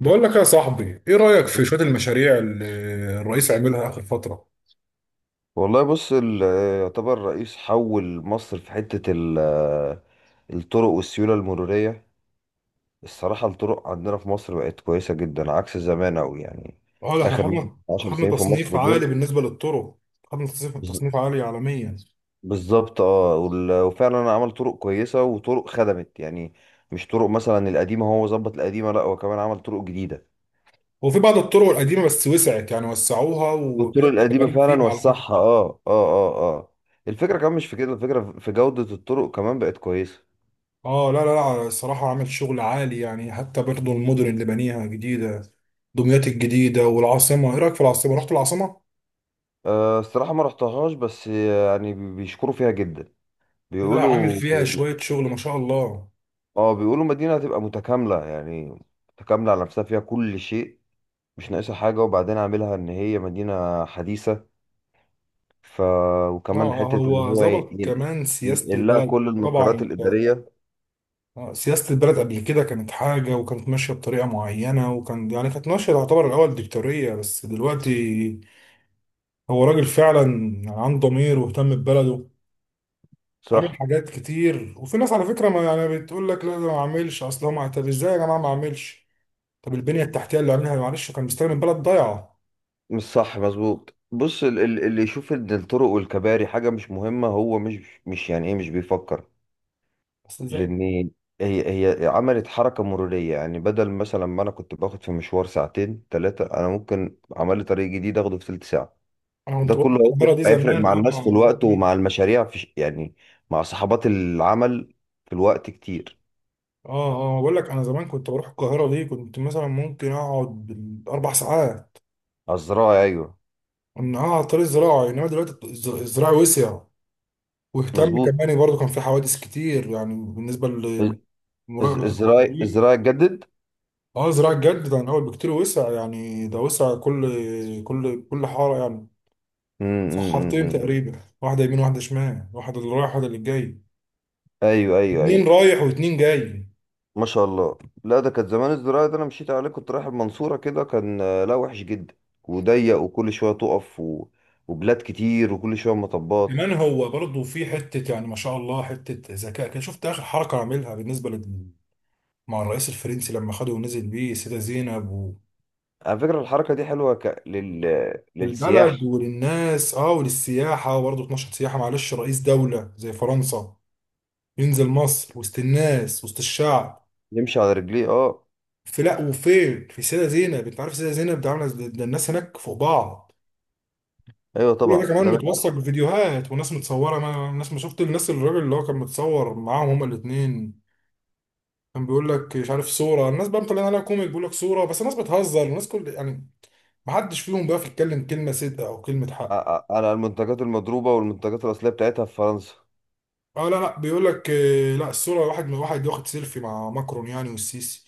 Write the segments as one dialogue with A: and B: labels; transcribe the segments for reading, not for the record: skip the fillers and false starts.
A: بقول لك يا صاحبي ايه رأيك في شوية المشاريع اللي الرئيس عاملها آخر فترة؟
B: والله بص يعتبر رئيس حول مصر في حتة الطرق والسيولة المرورية. الصراحة الطرق عندنا في مصر بقت كويسة جدا عكس زمان أوي يعني
A: اه، ده احنا
B: آخر مثلا
A: خدنا
B: 10
A: خدنا
B: سنين في
A: تصنيف
B: مصر
A: عالي
B: دول.
A: بالنسبة للطرق. خدنا تصنيف
B: بز-
A: تصنيف عالي عالميا.
B: بالظبط، وفعلا عمل طرق كويسة وطرق خدمت يعني مش طرق مثلا القديمة، هو ظبط القديمة، لا هو كمان عمل طرق جديدة.
A: وفي بعض الطرق القديمة بس وسعت، يعني وسعوها
B: والطرق
A: وكده
B: القديمة
A: شغالين
B: فعلا
A: فيها على فكرة.
B: وسعها. اه الفكرة كمان مش في كده، الفكرة في جودة الطرق كمان بقت كويسة.
A: اه لا لا لا، الصراحة عامل شغل عالي يعني. حتى برضه المدن اللي بنيها جديدة، دمياط الجديدة والعاصمة. ايه رأيك في العاصمة؟ رحت العاصمة؟
B: أه، الصراحة ما رحتهاش بس يعني بيشكروا فيها جدا.
A: لا لا، عامل
B: بيقولوا
A: فيها شوية شغل ما شاء الله.
B: مدينة هتبقى متكاملة يعني، متكاملة على نفسها، فيها كل شيء، مش ناقصها حاجة. وبعدين عاملها إن هي مدينة حديثة. ف
A: اه
B: وكمان
A: آه،
B: حتة إن
A: هو
B: هو
A: ظبط كمان سياسة
B: ينقل لها
A: البلد
B: كل
A: طبعا.
B: المقرات
A: انت
B: الإدارية.
A: آه، سياسة البلد قبل كده كانت حاجة وكانت ماشية بطريقة معينة، وكان يعني كانت ماشية تعتبر الأول ديكتاتورية، بس دلوقتي هو راجل فعلا عنده ضمير واهتم ببلده. عامل
B: صح.
A: حاجات كتير، وفي ناس على فكرة ما يعني بتقول لك لا ده ما عملش. أصل هو طب إزاي يا جماعة ما عملش؟ طب البنية التحتية اللي عاملها معلش، كان مستخدم البلد ضايعة.
B: مش صح، مظبوط. بص، اللي يشوف إن الطرق والكباري حاجة مش مهمة، هو مش يعني إيه، مش بيفكر.
A: أصل إزاي.
B: لان هي عملت حركه مروريه يعني، بدل مثلا ما انا كنت باخد في مشوار ساعتين ثلاثه، انا ممكن عمل لي طريق جديد اخده في ثلث ساعه.
A: أنا
B: ده
A: كنت بروح
B: كله
A: القاهرة
B: هيفرق
A: دي
B: هيفرق
A: زمان.
B: مع الناس في
A: أنا أنا
B: الوقت، ومع المشاريع في يعني مع صحابات العمل، في الوقت كتير.
A: آه آه، بقول لك أنا زمان كنت بروح القاهرة دي، كنت مثلا ممكن أقعد بالأربع ساعات.
B: الزراعه، ايوه.
A: انها على الطريق الزراعي، انما دلوقتي الزراعي وسع. واهتم
B: مظبوط.
A: كمان برضه، كان في حوادث كتير يعني بالنسبه
B: الز-
A: لمراقبه
B: الزراعي
A: الطريق.
B: الزراعي اتجدد.
A: اه زراعي جد ده من اول بكتير وسع، يعني ده وسع كل حاره يعني.
B: أمم،
A: وسع
B: أمم،
A: حارتين
B: أمم.
A: تقريبا، واحده يمين واحده شمال، واحده اللي رايح واحده اللي جاي.
B: ايوه ايوه ايوه.
A: اتنين رايح واتنين جاي.
B: ما شاء الله. لا، ده كانت زمان الزراعة ده انا مشيت عليه، كنت رايح المنصورة كده، كان لا وحش جدا وضيق، وكل شوية تقف وبلاد كتير، وكل شوية مطبات.
A: كمان هو برضه في حته يعني ما شاء الله، حته ذكاء كده. شفت اخر حركه عاملها بالنسبه لل مع الرئيس الفرنسي لما خده ونزل بيه السيده زينب؟
B: على فكرة الحركة دي حلوة للسياح.
A: للبلد وللناس، اه وللسياحة برضه. 12 سياحة معلش، رئيس دولة زي فرنسا ينزل مصر وسط الناس وسط الشعب.
B: يمشي على رجليه اه
A: في لا وفين، في سيدة زينب! انت عارف سيدة زينب ده ده الناس هناك فوق بعض.
B: ايوه
A: كل ده
B: طبعا،
A: كمان
B: ده من
A: متوثق
B: اسهل.
A: بفيديوهات وناس متصورة. ما الناس ما شفت الناس، الراجل اللي هو كان متصور معاهم هما الاتنين كان بيقول لك مش عارف صورة. الناس بقى مطلعين عليها كوميك، بيقول لك صورة بس الناس بتهزر. الناس كل يعني ما حدش فيهم بقى يتكلم كلمة صدق او كلمة حق.
B: على المنتجات المضروبة والمنتجات الأصلية بتاعتها في فرنسا.
A: اه لا لا، بيقول لك آه، لا الصوره واحد من واحد واخد سيلفي مع ماكرون، يعني والسيسي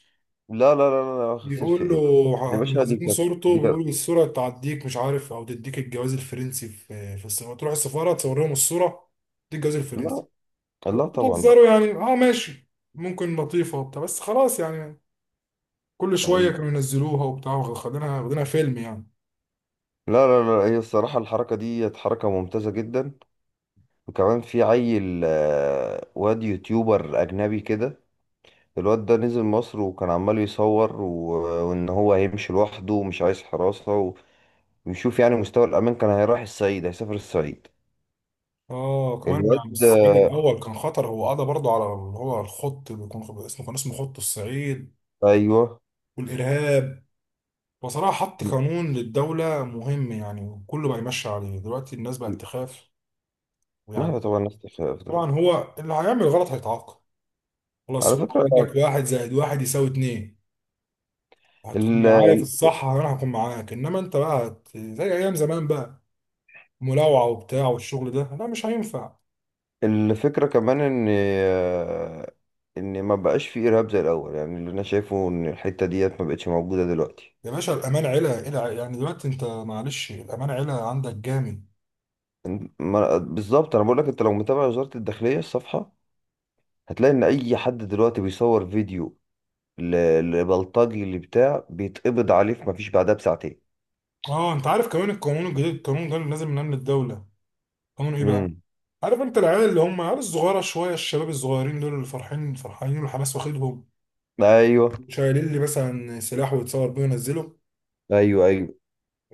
B: لا لا لا لا لا، واخد سيلفي
A: بيقول له
B: ايه! يا باشا دي
A: منزلين
B: كانت
A: صورته.
B: دي كانت
A: بيقول الصوره تعديك، مش عارف، او تديك الجواز الفرنسي. في السفاره، تروح السفاره تصور لهم الصوره تديك الجواز الفرنسي.
B: لا،
A: هو
B: لا طبعا، لا.
A: بتهزروا يعني؟ اه ماشي، ممكن لطيفه وبتاع، بس خلاص يعني. كل شويه كانوا
B: أيوة.
A: ينزلوها وبتاع، واخدينها واخدينها فيلم يعني.
B: لا لا لا، هي الصراحة الحركة دي حركة ممتازة جدا. وكمان في عيل واد يوتيوبر أجنبي كده. الواد ده نزل مصر وكان عمال يصور، وإن هو هيمشي لوحده ومش عايز حراسة ويشوف يعني مستوى الأمان. كان هيروح الصعيد، هيسافر الصعيد.
A: اه كمان
B: الواد
A: يعني الصعيد
B: ده-
A: الاول كان خطر، هو قضى برضه على اللي هو الخط اللي اسمه، كان اسمه خط الصعيد
B: أيوه.
A: والارهاب. بصراحة حط قانون للدولة مهم يعني، وكله بقى يمشي عليه دلوقتي. الناس بقت تخاف
B: ما
A: ويعني.
B: هو طبعا نفس الخلاف
A: طبعا
B: دلوقتي.
A: هو اللي هيعمل غلط هيتعاقب، خلاص.
B: على
A: هو
B: فكرة
A: عندك واحد زائد واحد يساوي اتنين. هتكون
B: ال-
A: معايا في الصح انا هكون معاك، انما انت بقى زي ايام زمان بقى، ملاوعة وبتاع والشغل ده لا مش هينفع.
B: الفكرة كمان إن إن ما بقاش في إرهاب زي الأول يعني. اللي أنا شايفه إن الحتة ديت ما بقتش موجودة دلوقتي.
A: يا باشا الامان علا يعني دلوقتي انت، معلش، الامان علا عندك جامد.
B: بالظبط. أنا بقول لك أنت لو متابع وزارة الداخلية الصفحة، هتلاقي ان اي حد دلوقتي بيصور فيديو لبلطجي اللي بتاع، بيتقبض عليه في مفيش بعدها بساعتين.
A: اه، انت عارف كمان القانون الجديد، القانون ده اللي نازل من امن الدولة؟ قانون ايه بقى.
B: امم.
A: عارف انت العيال اللي هم عيال الصغيره شويه، الشباب الصغيرين دول اللي فرحين فرحانين والحماس واخدهم،
B: ايوه
A: شايلين لي مثلا سلاح ويتصور بيه وينزله؟
B: ايوه ايوه.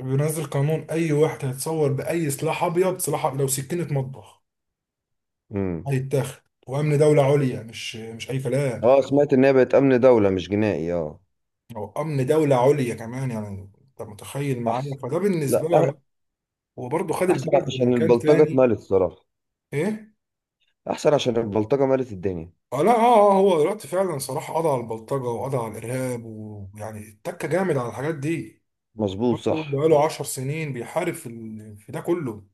A: بينزل قانون، اي واحد هيتصور باي سلاح ابيض، سلاح أبيض لو سكينه مطبخ
B: امم.
A: هيتاخد، وامن دوله عليا، مش اي كلام.
B: اه، سمعت ان هي بقت امن دولة مش جنائي. اه،
A: او امن دوله عليا كمان، يعني انت متخيل معايا؟
B: احسن.
A: فده بالنسبه
B: لا،
A: لي يعني هو برضه خد
B: احسن
A: البلد
B: عشان
A: لمكان
B: البلطجة
A: تاني.
B: اتمالت الصراحة.
A: ايه؟
B: احسن عشان البلطجة مالت الدنيا.
A: اه لا اه اه، هو دلوقتي فعلا صلاح قضى على البلطجة وقضى على الإرهاب، ويعني اتك جامد على الحاجات دي
B: مظبوط،
A: برضه.
B: صح.
A: بقاله 10 سنين بيحارب في في ده كله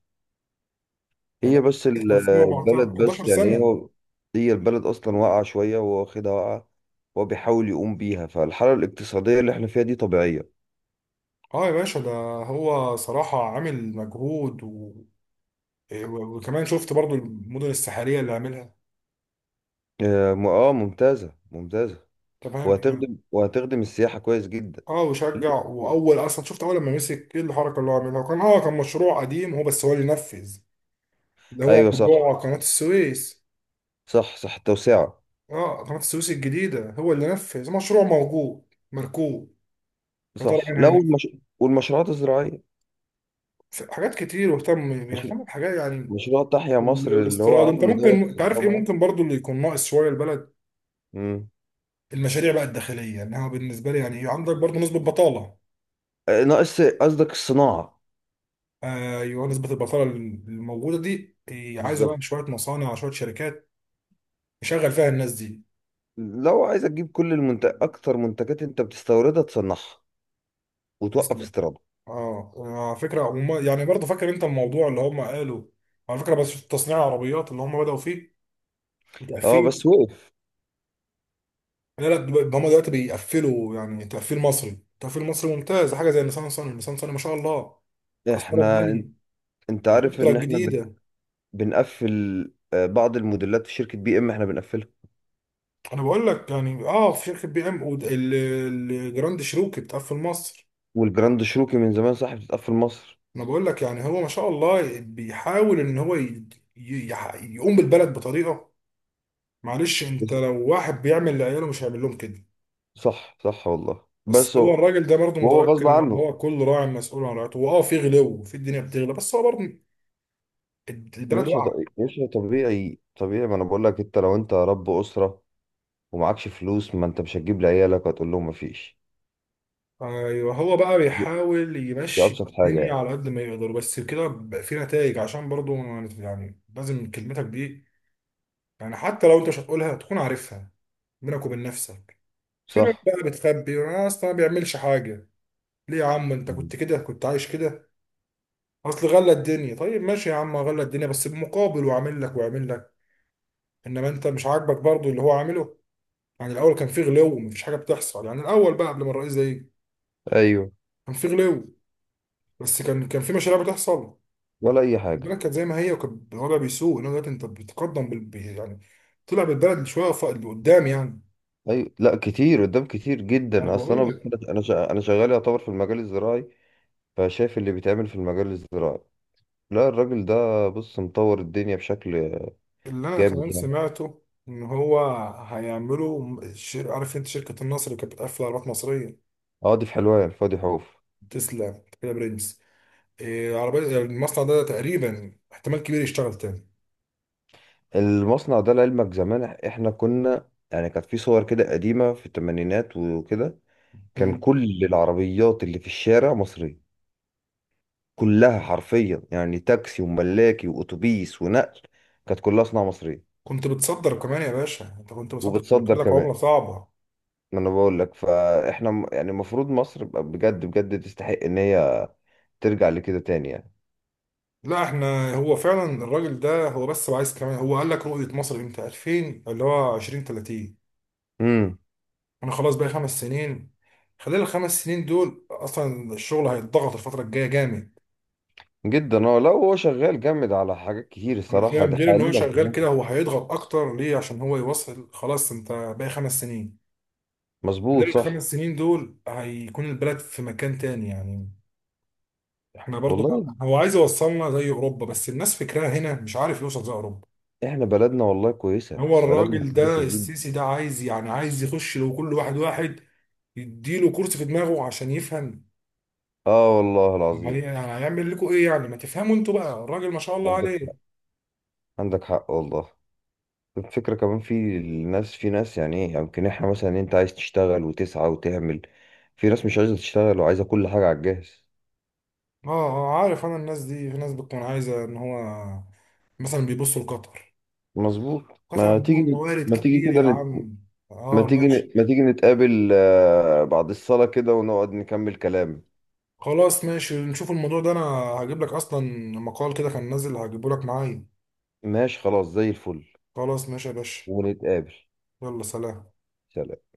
A: يعني.
B: هي بس البلد
A: 2014، 11
B: بس يعني
A: سنة.
B: هي البلد اصلا واقعة شوية، وهو واخدها واقعة وهو بيحاول يقوم بيها، فالحالة الاقتصادية اللي احنا فيها دي طبيعية.
A: اه يا باشا ده هو صراحة عامل مجهود وكمان شفت برضو المدن الساحلية اللي عاملها،
B: ممتازة ممتازة.
A: تمام يعني.
B: وهتخدم السياحة كويس جدا.
A: اه وشجع، واول اصلا شفت اول لما مسك ايه الحركة اللي هو عاملها؟ كان اه كان مشروع قديم هو بس هو اللي نفذ، اللي هو
B: ايوه صح.
A: موضوع قناة السويس.
B: صح، صح، التوسعة.
A: اه قناة السويس الجديدة، هو اللي نفذ مشروع موجود مركوب، يا ترى
B: صح.
A: مين
B: لا،
A: هينفذ.
B: والمشروعات الزراعية.
A: حاجات كتير، واهتم
B: مش...
A: بيهتم بحاجات يعني.
B: مشروع تحيا مصر اللي هو
A: والاستيراد، انت
B: عامله
A: ممكن،
B: دوت.
A: انت عارف ايه
B: طبعا.
A: ممكن برضو اللي يكون ناقص شوية البلد.
B: امم.
A: المشاريع بقى الداخلية، انها بالنسبة لي يعني عندك برضو نسبة بطالة.
B: آه، ناقص قصدك الصناعة.
A: ايوه، نسبة البطالة الموجودة دي، هي عايزة بقى
B: بالظبط.
A: شوية مصانع شوية شركات يشغل فيها الناس دي.
B: لو عايز تجيب كل المنتج اكتر، منتجات انت بتستوردها تصنعها وتوقف
A: تسلم.
B: استيرادها.
A: اه، على فكرة هم يعني برضو، فاكر انت الموضوع اللي هم قالوا على فكرة بس في تصنيع العربيات اللي هم بدأوا فيه
B: اه
A: وتقفيل؟
B: بس وقف.
A: لا لا، هما دلوقتي بيقفلوا يعني تقفيل مصري. تقفيل مصري ممتاز، حاجه زي نيسان صني. نيسان صني ما شاء الله مكسره
B: احنا
A: الدنيا.
B: انت عارف
A: الاوبترا
B: ان احنا
A: الجديده،
B: بنقفل بعض الموديلات في شركة بي ام، احنا بنقفلها.
A: انا بقول لك يعني اه في شركه بي ام الجراند شيروكي بتقفل مصر.
B: والجراند شروكي من زمان صح بتتقفل مصر.
A: انا بقول لك يعني هو ما شاء الله بيحاول ان هو يقوم بالبلد بطريقه. معلش، انت
B: بس-
A: لو واحد بيعمل لعياله مش هيعمل لهم كده.
B: صح، صح والله.
A: بس
B: بس
A: هو
B: هو
A: الراجل ده برضه
B: وهو غصب
A: متيقن ان
B: عنه.
A: هو كل راعي مسؤول عن رعيته. هو اه في غلو، في الدنيا بتغلى، بس هو برضه البلد
B: مش هط...
A: واقعه.
B: مش طبيعي، طبيعي. ما انا بقول لك، لو انت رب اسره ومعكش فلوس، ما انت مش هتجيب لعيالك، وهتقول لهم مفيش.
A: ايوه، هو بقى
B: دي,
A: بيحاول
B: دي
A: يمشي
B: ابسط حاجه
A: الدنيا
B: يعني.
A: على قد ما يقدر، بس كده بقى في نتائج عشان برضو يعني لازم. كلمتك دي يعني حتى لو انت مش هتقولها تكون عارفها بينك وبين نفسك. في ناس
B: صح.
A: بقى بتخبي، انا اصلا ما بيعملش حاجه. ليه يا عم انت
B: مم.
A: كنت كده، كنت عايش كده. اصل غلى الدنيا، طيب ماشي يا عم غلى الدنيا بس بمقابل، وعامل لك وعامل لك. انما انت مش عاجبك برضو اللي هو عامله. يعني الاول كان في غلو ومفيش حاجه بتحصل، يعني الاول بقى قبل ما الرئيس ده يجي
B: ايوه.
A: كان في غلو، بس كان كان في مشاريع بتحصل.
B: ولا اي حاجه.
A: البلد كانت زي ما هي وكان الوضع بيسوء، انه دلوقتي انت بتقدم يعني طلع بالبلد شويه لقدام يعني.
B: ايوه لا، كتير قدام، كتير
A: انا
B: جدا. اصلا
A: بقول
B: انا
A: لك،
B: بص- انا شا- انا شغال يعتبر في المجال الزراعي، فشايف اللي بيتعمل في المجال الزراعي. لا، الراجل ده بص مطور الدنيا بشكل
A: اللي انا كمان
B: جامد يعني.
A: سمعته ان هو عارف انت شركه النصر اللي كانت بتقفل عربيات مصريه؟
B: اه، دي في حلوان الفاضي حوف.
A: تسلا كده برنس، إيه عربيه يعني. المصنع ده تقريبا احتمال كبير يشتغل تاني.
B: المصنع ده لعلمك زمان احنا كنا يعني كانت في صور كده قديمة في الثمانينات وكده. كان
A: مم.
B: كل العربيات اللي في الشارع مصرية، كلها حرفيا يعني، تاكسي وملاكي واتوبيس ونقل. كانت كلها صناعة مصرية.
A: كنت بتصدر كمان يا باشا، انت كنت بتصدر
B: وبتصدر
A: بيكون لك
B: كمان.
A: عمله صعبه.
B: ما انا بقول لك، فاحنا يعني المفروض مصر بقى بجد بجد تستحق ان هي ترجع لكده تاني يعني.
A: لا احنا، هو فعلا الراجل ده، هو بس عايز كمان، هو قال لك رؤيه مصر امتى 2000، اللي هو 2030.
B: امم.
A: انا خلاص بقى خمس سنين. خلال الخمس سنين دول اصلا الشغل هيتضغط، الفتره الجايه جامد.
B: جدا. اه لا، هو شغال جامد على حاجات كتير
A: انا
B: الصراحة
A: فاهم
B: ده
A: غير ان هو
B: حاليا
A: شغال
B: كمان.
A: كده، هو هيضغط اكتر ليه؟ عشان هو يوصل خلاص، انت باقي خمس سنين.
B: مظبوط،
A: خلال
B: صح
A: الخمس سنين دول هيكون البلد في مكان تاني يعني. احنا برضو،
B: والله.
A: هو عايز يوصلنا زي اوروبا، بس الناس فكرها هنا مش عارف يوصل زي اوروبا.
B: احنا بلدنا والله كويسة،
A: هو
B: بلدنا
A: الراجل ده
B: كويسة جدا.
A: السيسي ده عايز، يعني عايز يخش لو كل واحد واحد يديله كرسي في دماغه عشان يفهم.
B: اه والله
A: ما هي-
B: العظيم.
A: يعني هيعمل لكم ايه؟ يعني ما تفهموا انتوا بقى الراجل ما شاء الله
B: عندك حق،
A: عليه.
B: عندك حق والله. الفكرة كمان في الناس في ناس يعني ايه، يمكن احنا مثلا انت عايز تشتغل وتسعى وتعمل، في ناس مش عايزة تشتغل وعايزة كل حاجة على الجاهز.
A: اه اه، عارف انا الناس دي، في ناس بتكون عايزه ان هو مثلا بيبصوا لقطر.
B: مظبوط.
A: قطر
B: ما
A: عندهم
B: تيجي
A: موارد
B: ما
A: كتير
B: تيجي كده
A: يا
B: نت...
A: عم. اه ماشي.
B: ما تيجي نتقابل بعد الصلاة كده، ونقعد نكمل كلام.
A: خلاص ماشي، نشوف الموضوع ده. انا هجيب لك اصلا مقال كده كان نازل، هجيبه لك معايا.
B: ماشي خلاص زي الفل.
A: خلاص ماشي يا باشا.
B: ونتقابل.
A: يلا سلام.
B: سلام.